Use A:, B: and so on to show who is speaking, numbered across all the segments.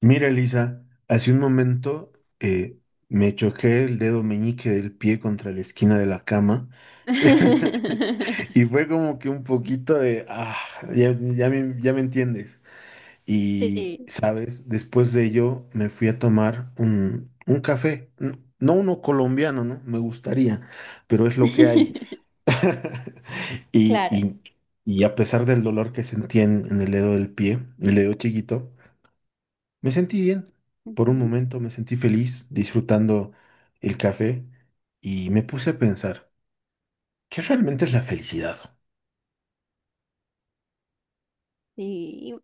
A: Mira, Elisa, hace un momento eh, me choqué el dedo meñique del pie contra la esquina de la cama y fue como que un poquito de, ah, ya me entiendes. Y,
B: Sí,
A: sabes, después de ello me fui a tomar un café, no uno colombiano, ¿no? Me gustaría, pero es lo que hay. Y,
B: claro.
A: y, y a pesar del dolor que sentí en el dedo del pie, el dedo chiquito, me sentí bien. Por un
B: Ujú.
A: momento me sentí feliz disfrutando el café y me puse a pensar, ¿qué realmente es la felicidad?
B: Sí,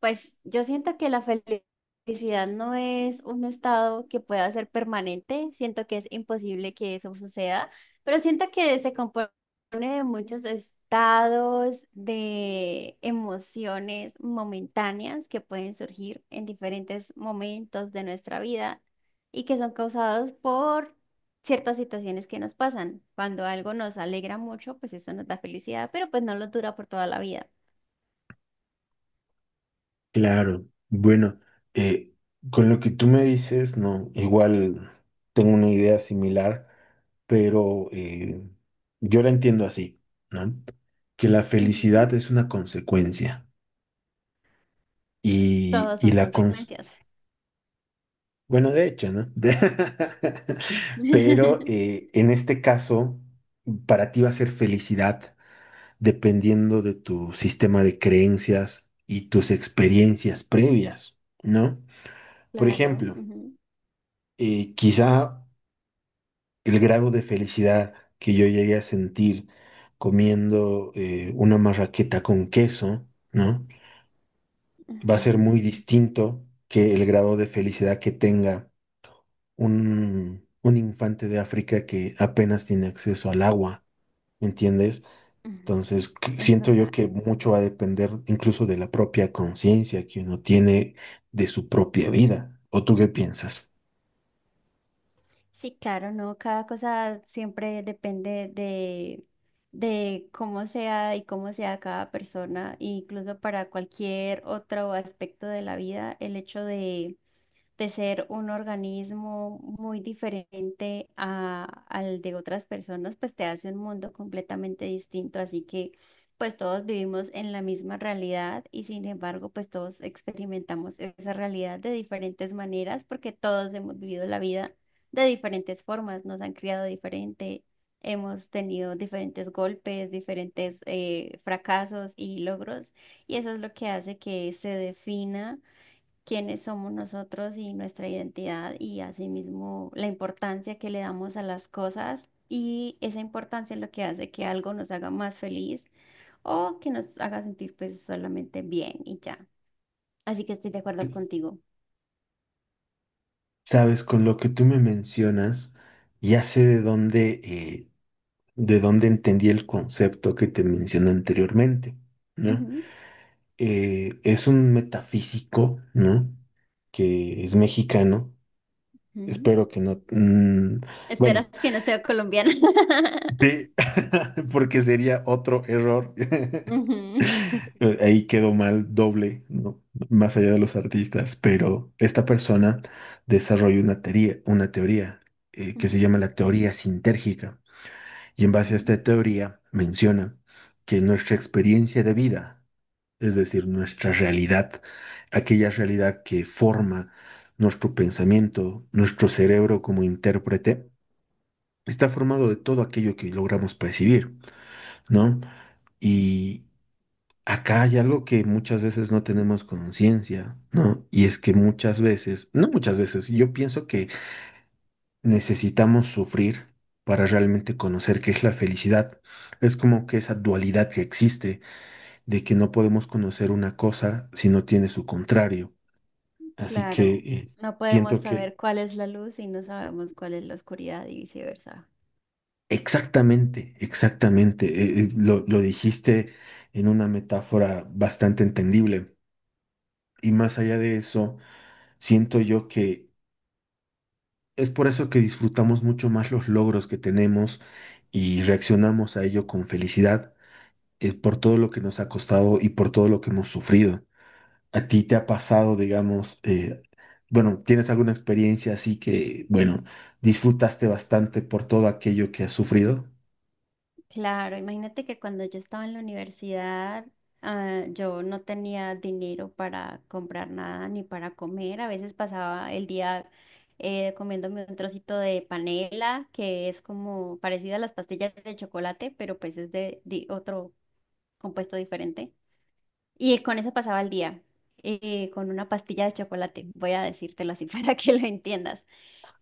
B: pues yo siento que la felicidad no es un estado que pueda ser permanente, siento que es imposible que eso suceda, pero siento que se compone de muchos estados de emociones momentáneas que pueden surgir en diferentes momentos de nuestra vida y que son causados por ciertas situaciones que nos pasan. Cuando algo nos alegra mucho, pues eso nos da felicidad, pero pues no lo dura por toda la vida.
A: Claro, bueno, eh, con lo que tú me dices, no, igual tengo una idea similar, pero yo la entiendo así, ¿no? Que la felicidad
B: Ujú.
A: es una consecuencia y,
B: Todos
A: y
B: son
A: la, cons-
B: consecuencias.
A: bueno, de hecho, ¿no? Pero en este caso, para ti va a ser felicidad dependiendo de tu sistema de creencias y tus experiencias previas, ¿no? Por
B: Claro.
A: ejemplo,
B: Ujú,
A: quizá el grado de felicidad que yo llegué a sentir comiendo una marraqueta con queso, ¿no? Va a ser
B: ujú,
A: muy distinto que el grado de felicidad que tenga un infante de África que apenas tiene acceso al agua, ¿me entiendes?
B: ujú,
A: Entonces,
B: es
A: siento yo
B: verdad.
A: que mucho va a depender incluso de la propia conciencia que uno tiene de su propia vida. ¿O tú qué piensas?
B: Sí, claro, no, cada cosa siempre depende de cómo sea y cómo sea cada persona, e incluso para cualquier otro aspecto de la vida, el hecho de ser un organismo muy diferente al de otras personas, pues te hace un mundo completamente distinto. Así que pues todos vivimos en la misma realidad y sin embargo pues todos experimentamos esa realidad de diferentes maneras porque todos hemos vivido la vida de diferentes formas, nos han criado diferente. Hemos tenido diferentes golpes, diferentes fracasos y logros, y eso es lo que hace que se defina quiénes somos nosotros y nuestra identidad, y asimismo la importancia que le damos a las cosas, y esa importancia es lo que hace que algo nos haga más feliz o que nos haga sentir pues solamente bien y ya. Así que estoy de acuerdo contigo.
A: Sabes, con lo que tú me mencionas, ya sé de dónde entendí el concepto que te mencioné anteriormente, ¿no?
B: Ujú,
A: Es un metafísico, ¿no? Que es mexicano.
B: ujú.
A: Espero que no.
B: Esperas
A: Bueno,
B: que no sea colombiana.
A: de- porque sería otro error.
B: Ujú,
A: Ahí quedó mal doble, ¿no? Más allá de los artistas, pero esta persona desarrolló una teoría que se llama
B: ujú,
A: la teoría sintérgica. Y en base a
B: ujú.
A: esta teoría menciona que nuestra experiencia de vida, es decir, nuestra realidad, aquella realidad que forma nuestro pensamiento, nuestro cerebro como intérprete, está formado de todo aquello que logramos percibir, ¿no? Y acá hay algo que muchas veces no tenemos conciencia, ¿no? Y es que muchas veces, no muchas veces, yo pienso que necesitamos sufrir para realmente conocer qué es la felicidad. Es como que esa dualidad que existe de que no podemos conocer una cosa si no tiene su contrario. Así que
B: Claro, no podemos
A: siento que...
B: saber cuál es la luz y no sabemos cuál es la oscuridad y viceversa.
A: Exactamente, exactamente. Lo dijiste en una metáfora bastante entendible. Y más allá de eso, siento yo que es por eso que disfrutamos mucho más los logros que tenemos y reaccionamos a ello con felicidad. Es por todo lo que nos ha costado y por todo lo que hemos sufrido. ¿A ti te ha pasado, digamos, bueno, tienes alguna experiencia así que, bueno, disfrutaste bastante por todo aquello que has sufrido?
B: Claro, imagínate que cuando yo estaba en la universidad, yo no tenía dinero para comprar nada ni para comer. A veces pasaba el día comiéndome un trocito de panela, que es como parecido a las pastillas de chocolate, pero pues es otro compuesto diferente. Y con eso pasaba el día, con una pastilla de chocolate, voy a decírtelo así para que lo entiendas,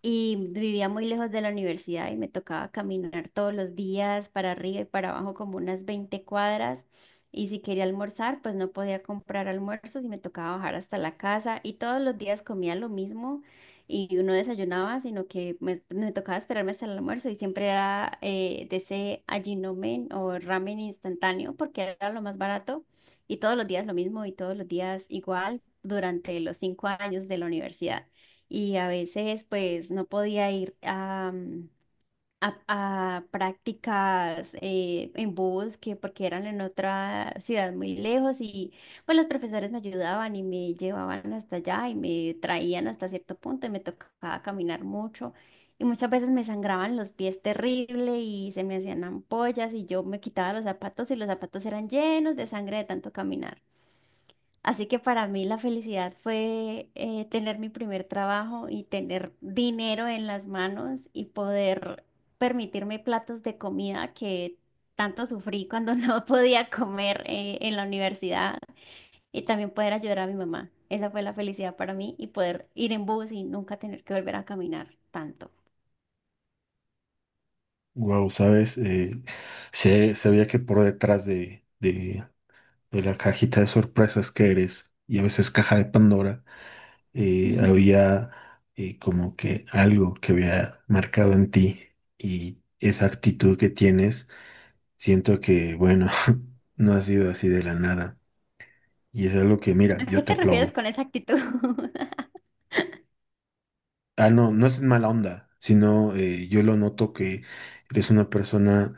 B: y vivía muy lejos de la universidad y me tocaba caminar todos los días para arriba y para abajo como unas 20 cuadras. Y si quería almorzar, pues no podía comprar almuerzos y me tocaba bajar hasta la casa. Y todos los días comía lo mismo y no desayunaba, sino que me tocaba esperarme hasta el almuerzo y siempre era de ese allinomen o ramen instantáneo porque era lo más barato. Y todos los días lo mismo y todos los días igual durante los 5 años de la universidad, y a veces pues no podía ir a, a prácticas en bosque porque eran en otra ciudad muy lejos y pues los profesores me ayudaban y me llevaban hasta allá y me traían hasta cierto punto y me tocaba caminar mucho. Y muchas veces me sangraban los pies terrible y se me hacían ampollas y yo me quitaba los zapatos y los zapatos eran llenos de sangre de tanto caminar. Así que para mí la felicidad fue tener mi primer trabajo y tener dinero en las manos y poder permitirme platos de comida que tanto sufrí cuando no podía comer en la universidad, y también poder ayudar a mi mamá. Esa fue la felicidad para mí, y poder ir en bus y nunca tener que volver a caminar tanto.
A: Wow, ¿sabes? Sabía que por detrás de la cajita de sorpresas que eres y a veces caja de Pandora,
B: Ujú.
A: había como que algo que había marcado en ti y esa actitud que tienes, siento que, bueno, no ha sido así de la nada. Y es algo que, mira,
B: ¿A
A: yo
B: qué
A: te
B: te refieres
A: aplaudo.
B: con esa actitud?
A: Ah, no, no es en mala onda, sino yo lo noto que eres una persona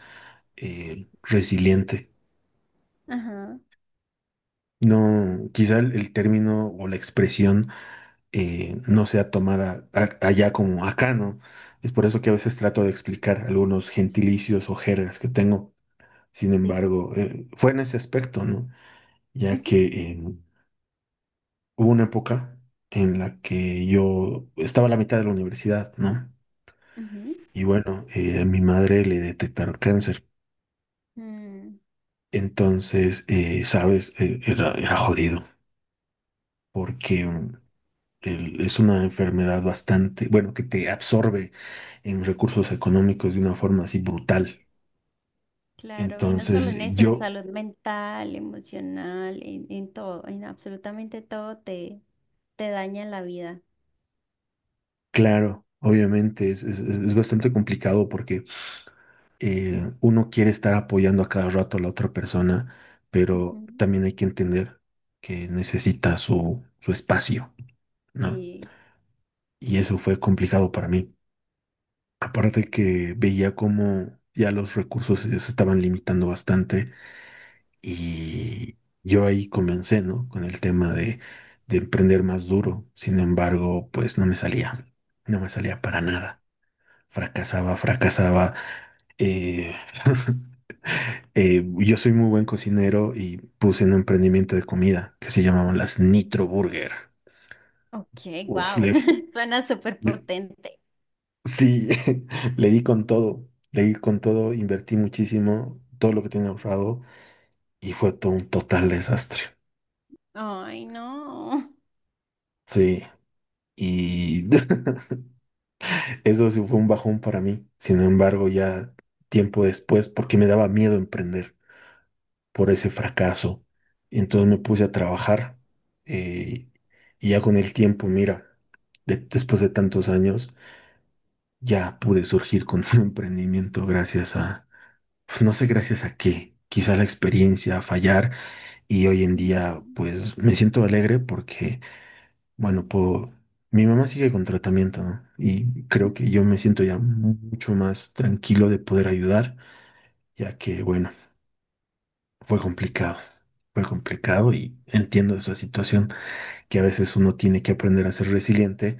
A: resiliente.
B: Ajá,
A: No, quizá el término o la expresión no sea tomada allá como acá, ¿no? Es por eso que a veces trato de explicar algunos gentilicios o jergas que tengo. Sin
B: sí, sí.
A: embargo, fue en ese aspecto, ¿no? Ya
B: Ujú,
A: que hubo una época en la que yo estaba a la mitad de la universidad, ¿no? Y bueno, a mi madre le detectaron cáncer.
B: ujú. Mm.
A: Entonces, sabes, era jodido porque es una enfermedad bastante, bueno, que te absorbe en recursos económicos de una forma así brutal.
B: Claro, y no solo
A: Entonces,
B: en eso, en
A: yo,
B: salud mental, emocional, en todo, en absolutamente todo te, te daña la vida.
A: claro, obviamente es bastante complicado porque uno quiere estar apoyando a cada rato a la otra persona, pero
B: Ujú.
A: también hay que entender que necesita su espacio, ¿no?
B: Sí.
A: Y eso fue complicado para mí. Aparte que veía cómo ya los recursos se estaban limitando bastante. Y yo ahí comencé, ¿no? Con el tema de emprender más duro. Sin embargo, pues no me salía, no me salía para
B: Mm.
A: nada. Fracasaba, fracasaba. Eh, yo soy muy buen cocinero y puse un emprendimiento de comida que se llamaban las Nitro Burger.
B: Ok,
A: Uf,
B: wow, suena súper
A: le-
B: potente.
A: sí, le di con todo, le di con todo, invertí muchísimo, todo lo que tenía ahorrado y fue todo un total desastre.
B: Ay, no.
A: Sí. Y eso sí fue un bajón para mí. Sin embargo, ya tiempo después, porque me daba miedo emprender por ese fracaso, entonces me puse a trabajar. eh, y ya con el tiempo, mira, después de tantos años, ya pude surgir con un emprendimiento gracias a, no sé gracias a qué, quizá la experiencia, a fallar. Y hoy en
B: Ujú,
A: día, pues me siento alegre porque bueno, puedo... Mi mamá sigue con tratamiento, ¿no? Y creo que yo
B: ujú.
A: me siento ya mucho más tranquilo de poder ayudar, ya que, bueno, fue complicado. Fue complicado y entiendo esa situación que a veces uno tiene que aprender a ser resiliente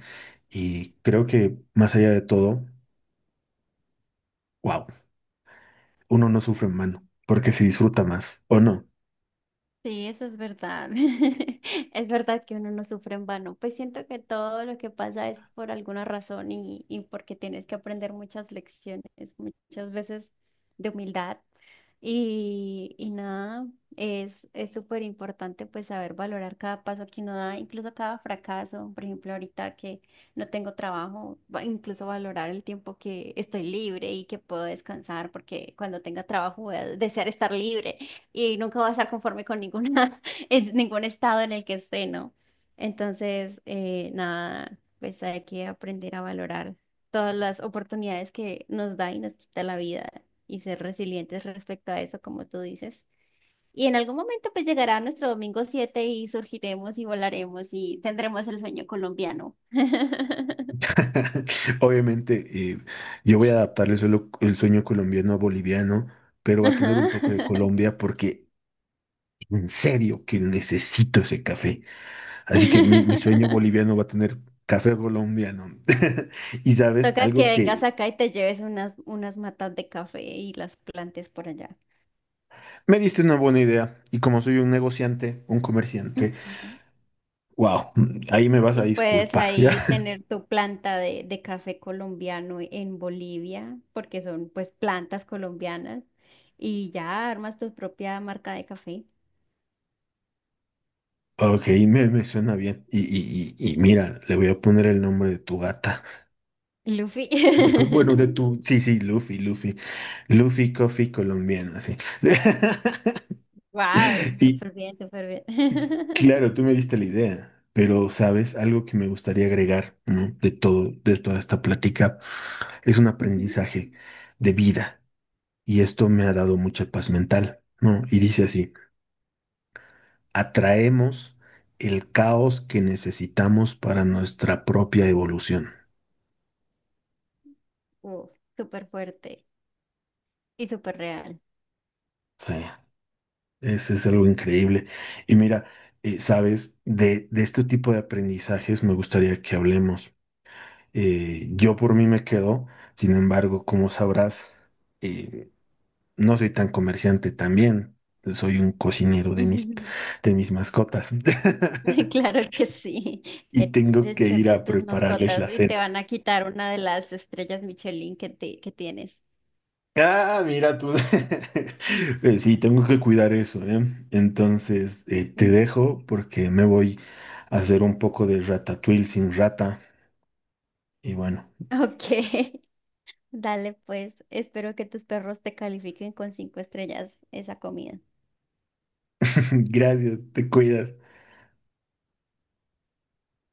A: y creo que más allá de todo, wow, uno no sufre en mano porque se disfruta más, ¿o no?
B: Sí, eso es verdad. Es verdad que uno no sufre en vano. Pues siento que todo lo que pasa es por alguna razón y porque tienes que aprender muchas lecciones, muchas veces de humildad. Y nada, es súper importante pues saber valorar cada paso que uno da, incluso cada fracaso. Por ejemplo, ahorita que no tengo trabajo, incluso valorar el tiempo que estoy libre y que puedo descansar, porque cuando tenga trabajo voy a desear estar libre y nunca voy a estar conforme con es ningún estado en el que esté, ¿no? Entonces, nada, pues hay que aprender a valorar todas las oportunidades que nos da y nos quita la vida, y ser resilientes respecto a eso, como tú dices. Y en algún momento pues llegará nuestro domingo 7 y surgiremos y volaremos y tendremos el sueño colombiano.
A: Obviamente, yo voy a adaptar el sueño colombiano a boliviano, pero va a tener un toque de
B: Ajá.
A: Colombia porque en serio que necesito ese café. Así que mi sueño boliviano va a tener café colombiano. Y sabes,
B: Toca que
A: algo
B: vengas
A: que
B: acá y te lleves unas matas de café y las plantes por allá.
A: me diste una buena idea. Y como soy un negociante, un comerciante,
B: Ujú.
A: wow, ahí me vas a
B: Y puedes
A: disculpar, ¿ya?
B: ahí tener tu planta de café colombiano en Bolivia, porque son pues plantas colombianas, y ya armas tu propia marca de café.
A: Ok, me suena bien. Y mira, le voy a poner el nombre de tu gata.
B: Luffy.
A: Bueno, bueno, de tu. Sí, sí, Luffy, Luffy. Luffy Coffee colombiano, sí.
B: Wow,
A: Y,
B: súper bien, súper bien.
A: claro, tú me diste la idea, pero sabes, algo que me gustaría agregar, ¿no? De todo, de toda esta plática, es un
B: Ujú.
A: aprendizaje de vida y esto me ha dado mucha paz mental, ¿no? Y dice así, atraemos el caos que necesitamos para nuestra propia evolución.
B: Uf, súper fuerte y súper real.
A: Sí, ese es algo increíble. Y mira, sabes, de este tipo de aprendizajes me gustaría que hablemos. Yo por mí me quedo, sin embargo, como sabrás, eh, no soy tan comerciante también. Soy un cocinero de mis mascotas.
B: Claro que sí.
A: Y tengo
B: Eres
A: que
B: chef
A: ir
B: de
A: a
B: tus
A: prepararles la
B: mascotas y te
A: cena.
B: van a quitar una de las estrellas Michelin que tienes.
A: Ah, mira tú. Sí, tengo que cuidar eso, ¿eh? Entonces, te
B: Ujú.
A: dejo porque me voy a hacer un poco de ratatouille sin rata. Y bueno,
B: Ok, dale pues. Espero que tus perros te califiquen con cinco estrellas esa comida.
A: gracias, te cuidas.